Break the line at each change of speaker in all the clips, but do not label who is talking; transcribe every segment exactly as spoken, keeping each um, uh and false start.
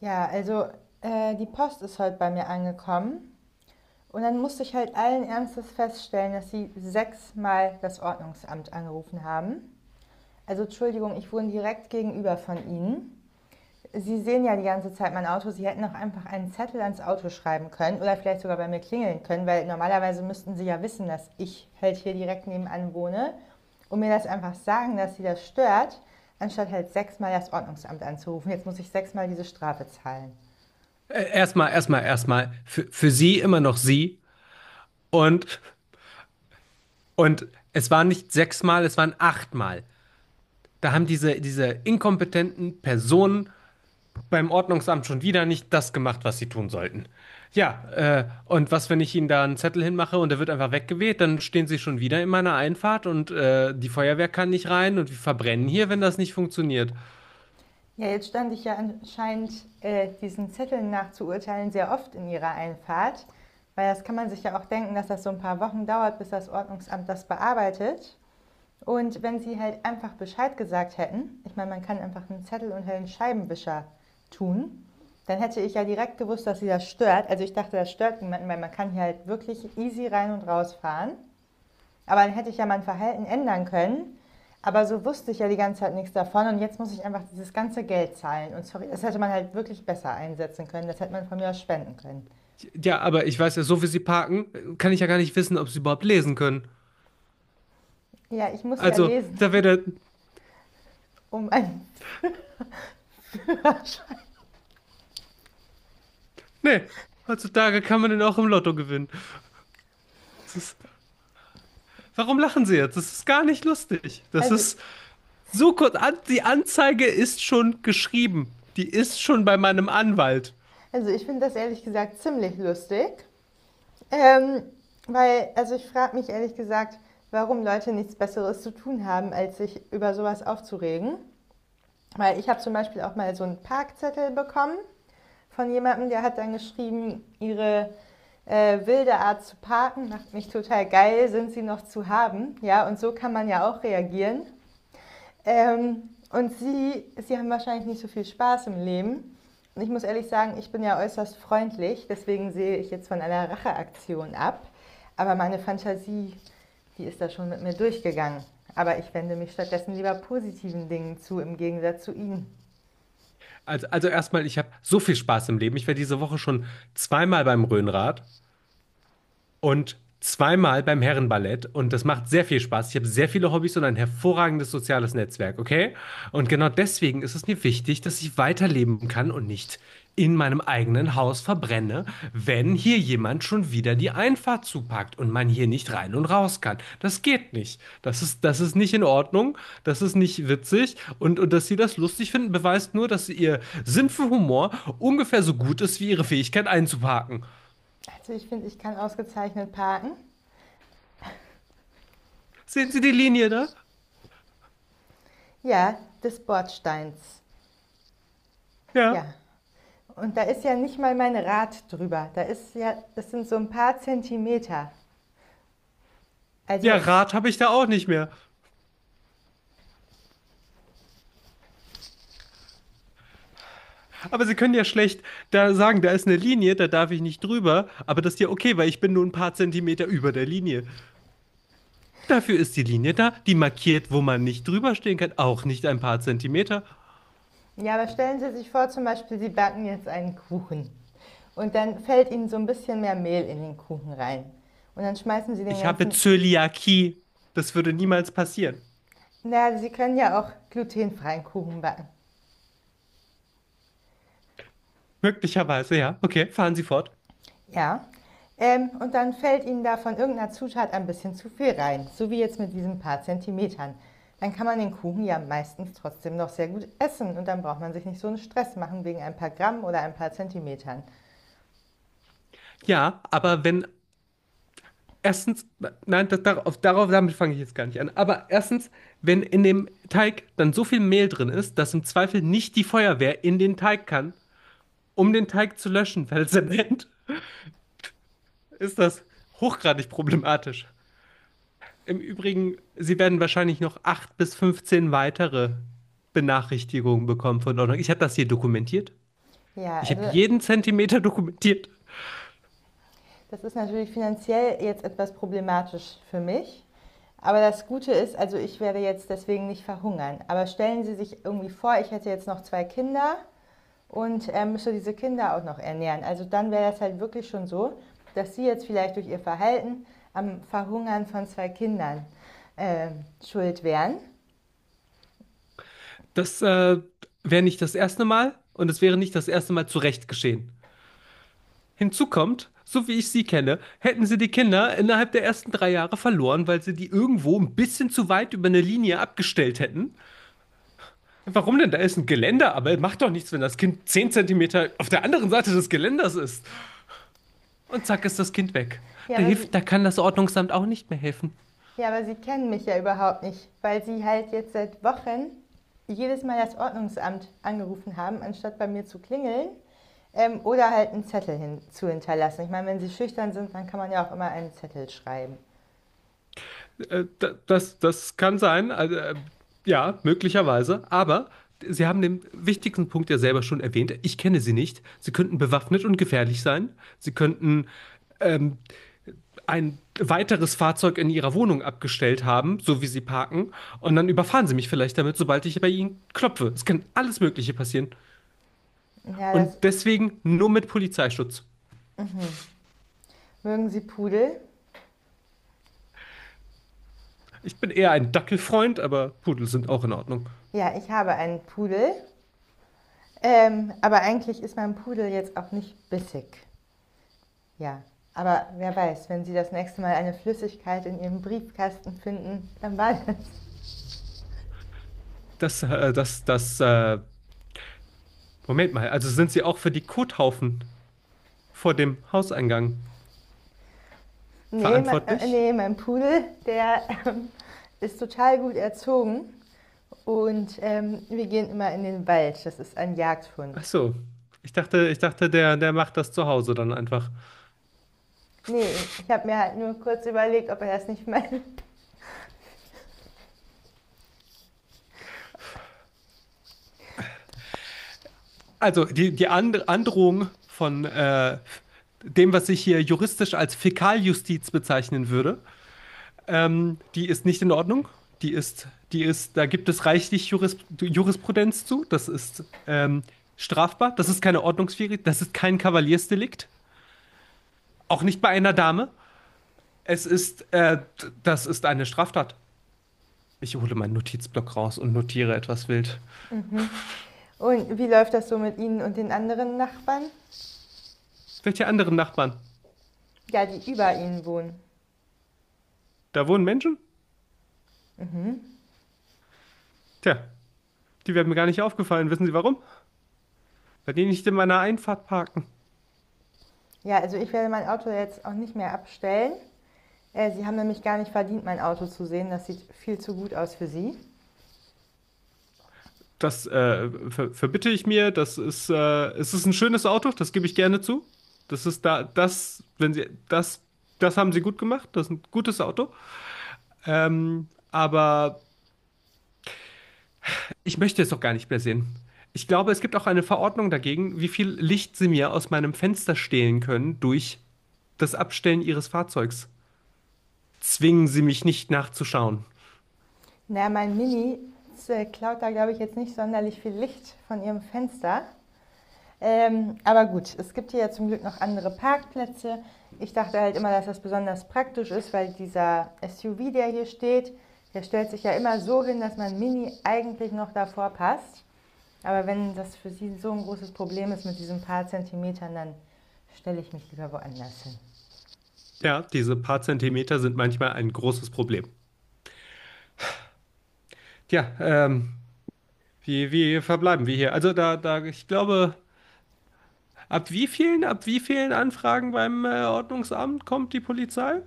Ja, also äh, die Post ist heute bei mir angekommen und dann musste ich halt allen Ernstes feststellen, dass sie sechsmal das Ordnungsamt angerufen haben. Also Entschuldigung, ich wohne direkt gegenüber von Ihnen. Sie sehen ja die ganze Zeit mein Auto. Sie hätten auch einfach einen Zettel ans Auto schreiben können oder vielleicht sogar bei mir klingeln können, weil normalerweise müssten Sie ja wissen, dass ich halt hier direkt nebenan wohne und mir das einfach sagen, dass Sie das stört, anstatt halt sechsmal das Ordnungsamt anzurufen. Jetzt muss ich sechsmal diese Strafe zahlen.
Äh, Erstmal, erstmal, erstmal. Für, für Sie immer noch Sie. Und, und es waren nicht sechsmal, es waren achtmal. Da haben diese, diese inkompetenten Personen beim Ordnungsamt schon wieder nicht das gemacht, was sie tun sollten. Ja, äh, und was, wenn ich Ihnen da einen Zettel hinmache und der wird einfach weggeweht, dann stehen Sie schon wieder in meiner Einfahrt und äh, die Feuerwehr kann nicht rein und wir verbrennen hier, wenn das nicht funktioniert.
Ja, jetzt stand ich ja anscheinend äh, diesen Zetteln nach zu urteilen sehr oft in Ihrer Einfahrt, weil das kann man sich ja auch denken, dass das so ein paar Wochen dauert, bis das Ordnungsamt das bearbeitet. Und wenn Sie halt einfach Bescheid gesagt hätten, ich meine, man kann einfach einen Zettel unter den Scheibenwischer tun, dann hätte ich ja direkt gewusst, dass Sie das stört. Also ich dachte, das stört niemanden, weil man kann hier halt wirklich easy rein und raus fahren. Aber dann hätte ich ja mein Verhalten ändern können. Aber so wusste ich ja die ganze Zeit nichts davon und jetzt muss ich einfach dieses ganze Geld zahlen. Und sorry, das hätte man halt wirklich besser einsetzen können. Das hätte man von mir aus spenden können.
Ja, aber ich weiß ja, so wie Sie parken, kann ich ja gar nicht wissen, ob Sie überhaupt lesen können.
Ja, ich muss ja
Also,
lesen,
da wäre der.
um ein.
Nee, heutzutage kann man den auch im Lotto gewinnen. Das ist, Warum lachen Sie jetzt? Das ist gar nicht lustig. Das
Also,
ist so kurz. An, die Anzeige ist schon geschrieben. Die ist schon bei meinem Anwalt.
also ich finde das ehrlich gesagt ziemlich lustig. Ähm, Weil, also ich frage mich ehrlich gesagt, warum Leute nichts Besseres zu tun haben, als sich über sowas aufzuregen. Weil ich habe zum Beispiel auch mal so einen Parkzettel bekommen von jemandem, der hat dann geschrieben, ihre äh, wilde Art zu parken macht mich total geil, sind sie noch zu haben? Ja, und so kann man ja auch reagieren. Ähm, und sie, sie haben wahrscheinlich nicht so viel Spaß im Leben. Und ich muss ehrlich sagen, ich bin ja äußerst freundlich, deswegen sehe ich jetzt von einer Racheaktion ab. Aber meine Fantasie, die ist da schon mit mir durchgegangen. Aber ich wende mich stattdessen lieber positiven Dingen zu, im Gegensatz zu Ihnen.
Also, also erstmal, ich habe so viel Spaß im Leben. Ich war diese Woche schon zweimal beim Rhönrad. und zweimal beim Herrenballett und das macht sehr viel Spaß. Ich habe sehr viele Hobbys und ein hervorragendes soziales Netzwerk, okay? Und genau deswegen ist es mir wichtig, dass ich weiterleben kann und nicht in meinem eigenen Haus verbrenne, wenn hier jemand schon wieder die Einfahrt zupackt und man hier nicht rein und raus kann. Das geht nicht. Das ist, das ist nicht in Ordnung, das ist nicht witzig und, und dass Sie das lustig finden, beweist nur, dass Ihr Sinn für Humor ungefähr so gut ist wie Ihre Fähigkeit einzuparken.
Also ich finde, ich kann ausgezeichnet parken.
Sehen Sie die Linie da?
Ja, des Bordsteins. Ja.
Ja.
Und da ist ja nicht mal mein Rad drüber. Da ist ja, das sind so ein paar Zentimeter.
Ja,
Also,
Rad habe ich da auch nicht mehr. Aber Sie können ja schlecht da sagen, da ist eine Linie, da darf ich nicht drüber. Aber das ist ja okay, weil ich bin nur ein paar Zentimeter über der Linie. Dafür ist die Linie da, die markiert, wo man nicht drüber stehen kann, auch nicht ein paar Zentimeter.
ja, aber stellen Sie sich vor, zum Beispiel, Sie backen jetzt einen Kuchen. Und dann fällt Ihnen so ein bisschen mehr Mehl in den Kuchen rein. Und dann schmeißen Sie den
Ich habe
ganzen.
Zöliakie. Das würde niemals passieren.
Naja, Sie können ja auch glutenfreien Kuchen backen.
Möglicherweise, ja. Okay, fahren Sie fort.
Ja. Ähm, und dann fällt Ihnen da von irgendeiner Zutat ein bisschen zu viel rein, so wie jetzt mit diesen paar Zentimetern. Dann kann man den Kuchen ja meistens trotzdem noch sehr gut essen und dann braucht man sich nicht so einen Stress machen wegen ein paar Gramm oder ein paar Zentimetern.
Ja, aber wenn erstens, nein, das, darauf, darauf, damit fange ich jetzt gar nicht an. Aber erstens, wenn in dem Teig dann so viel Mehl drin ist, dass im Zweifel nicht die Feuerwehr in den Teig kann, Um den Teig zu löschen, weil Zement ist das hochgradig problematisch. Im Übrigen, Sie werden wahrscheinlich noch acht bis fünfzehn weitere Benachrichtigungen bekommen von Ordnung. Ich habe das hier dokumentiert.
Ja,
Ich habe
also
jeden Zentimeter dokumentiert.
das ist natürlich finanziell jetzt etwas problematisch für mich. Aber das Gute ist, also ich werde jetzt deswegen nicht verhungern. Aber stellen Sie sich irgendwie vor, ich hätte jetzt noch zwei Kinder und er müsste diese Kinder auch noch ernähren. Also dann wäre das halt wirklich schon so, dass sie jetzt vielleicht durch ihr Verhalten am Verhungern von zwei Kindern äh, schuld wären.
Das äh, wäre nicht das erste Mal und es wäre nicht das erste Mal zu Recht geschehen. Hinzu kommt, so wie ich Sie kenne, hätten Sie die Kinder innerhalb der ersten drei Jahre verloren, weil Sie die irgendwo ein bisschen zu weit über eine Linie abgestellt hätten. Warum denn? Da ist ein Geländer, aber macht doch nichts, wenn das Kind zehn Zentimeter auf der anderen Seite des Geländers ist. Und zack ist das Kind weg.
Ja
Da
aber, sie,
hilft, da kann das Ordnungsamt auch nicht mehr helfen.
ja, aber sie kennen mich ja überhaupt nicht, weil sie halt jetzt seit Wochen jedes Mal das Ordnungsamt angerufen haben, anstatt bei mir zu klingeln ähm, oder halt einen Zettel hin, zu hinterlassen. Ich meine, wenn sie schüchtern sind, dann kann man ja auch immer einen Zettel schreiben.
Äh, da- das, das kann sein, also, äh, ja, möglicherweise. Aber Sie haben den wichtigsten Punkt ja selber schon erwähnt. Ich kenne Sie nicht. Sie könnten bewaffnet und gefährlich sein. Sie könnten ähm, ein weiteres Fahrzeug in Ihrer Wohnung abgestellt haben, so wie Sie parken. Und dann überfahren Sie mich vielleicht damit, sobald ich bei Ihnen klopfe. Es kann alles Mögliche passieren.
Ja, das
Und deswegen nur mit Polizeischutz.
mögen sie Pudel.
Ich bin eher ein Dackelfreund, aber Pudel sind auch in Ordnung.
Ja, ich habe einen Pudel. Ähm, aber eigentlich ist mein Pudel jetzt auch nicht bissig. Ja. Aber wer weiß, wenn Sie das nächste Mal eine Flüssigkeit in Ihrem Briefkasten finden, dann war das.
Das, äh, das, das, äh, Moment mal, also sind Sie auch für die Kothaufen vor dem Hauseingang
Nee, me- äh,
verantwortlich?
nee mein Pudel, der ähm, ist total gut erzogen. Und ähm, wir gehen immer in den Wald. Das ist ein Jagdhund.
Ach so. Ich dachte, ich dachte, der, der macht das zu Hause dann einfach.
Nee, ich habe mir halt nur kurz überlegt, ob er das nicht meint.
Also die, die And Androhung von äh, dem, was ich hier juristisch als Fäkaljustiz bezeichnen würde, Ähm, die ist nicht in Ordnung. Die ist, die ist, da gibt es reichlich Juris, Jurisprudenz zu. Das ist ähm, strafbar. Das ist keine Ordnungswidrigkeit. Das ist kein Kavaliersdelikt. Auch nicht bei einer Dame. Es ist, äh, d- das ist eine Straftat. Ich hole meinen Notizblock raus und notiere etwas wild.
Mhm. Und wie läuft das so mit Ihnen und den anderen Nachbarn?
Welche anderen Nachbarn?
Ja, die über Ihnen wohnen.
Da wohnen Menschen?
Mhm.
Tja, die wären mir gar nicht aufgefallen. Wissen Sie warum? Weil die nicht in meiner Einfahrt parken.
Ja, also ich werde mein Auto jetzt auch nicht mehr abstellen. Äh, Sie haben nämlich gar nicht verdient, mein Auto zu sehen. Das sieht viel zu gut aus für Sie.
Das äh, ver Verbitte ich mir. Das ist, äh, es ist ein schönes Auto, das gebe ich gerne zu. Das ist da, das, wenn Sie, das, Das haben Sie gut gemacht. Das ist ein gutes Auto. Ähm, aber ich möchte es doch gar nicht mehr sehen. Ich glaube, es gibt auch eine Verordnung dagegen, wie viel Licht Sie mir aus meinem Fenster stehlen können durch das Abstellen Ihres Fahrzeugs. Zwingen Sie mich nicht nachzuschauen.
Na, mein Mini äh, klaut da, glaube ich, jetzt nicht sonderlich viel Licht von Ihrem Fenster. Ähm, aber gut, es gibt hier ja zum Glück noch andere Parkplätze. Ich dachte halt immer, dass das besonders praktisch ist, weil dieser S U V, der hier steht, der stellt sich ja immer so hin, dass mein Mini eigentlich noch davor passt. Aber wenn das für Sie so ein großes Problem ist mit diesen paar Zentimetern, dann stelle ich mich lieber woanders hin.
Ja, diese paar Zentimeter sind manchmal ein großes Problem. Tja, ähm, Wie, wie verbleiben wir hier? Also da, da, ich glaube, ab wie vielen, ab wie vielen Anfragen beim äh, Ordnungsamt kommt die Polizei?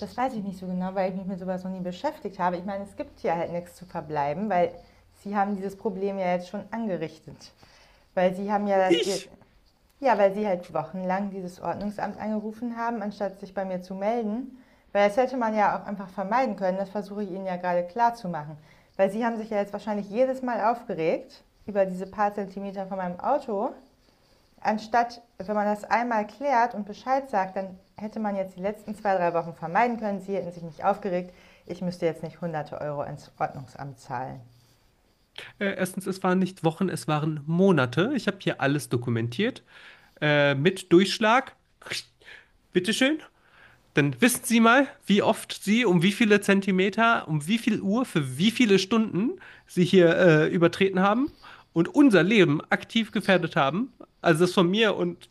Das weiß ich nicht so genau, weil ich mich mit sowas noch nie beschäftigt habe. Ich meine, es gibt hier halt nichts zu verbleiben, weil Sie haben dieses Problem ja jetzt schon angerichtet. Weil Sie haben ja das...
Ich!
Ja, weil Sie halt wochenlang dieses Ordnungsamt angerufen haben, anstatt sich bei mir zu melden. Weil das hätte man ja auch einfach vermeiden können. Das versuche ich Ihnen ja gerade klarzumachen. Weil Sie haben sich ja jetzt wahrscheinlich jedes Mal aufgeregt über diese paar Zentimeter von meinem Auto, anstatt, wenn man das einmal klärt und Bescheid sagt, dann hätte man jetzt die letzten zwei, drei Wochen vermeiden können. Sie hätten sich nicht aufgeregt. Ich müsste jetzt nicht hunderte Euro ins Ordnungsamt zahlen.
Äh, erstens, es waren nicht Wochen, es waren Monate. Ich habe hier alles dokumentiert. Äh, mit Durchschlag. Bitteschön. Dann wissen Sie mal, wie oft Sie, um wie viele Zentimeter, um wie viel Uhr, für wie viele Stunden Sie hier äh, übertreten haben und unser Leben aktiv gefährdet haben. Also das von mir und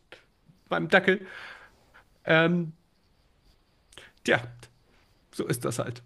meinem Dackel. Ähm, Tja, so ist das halt.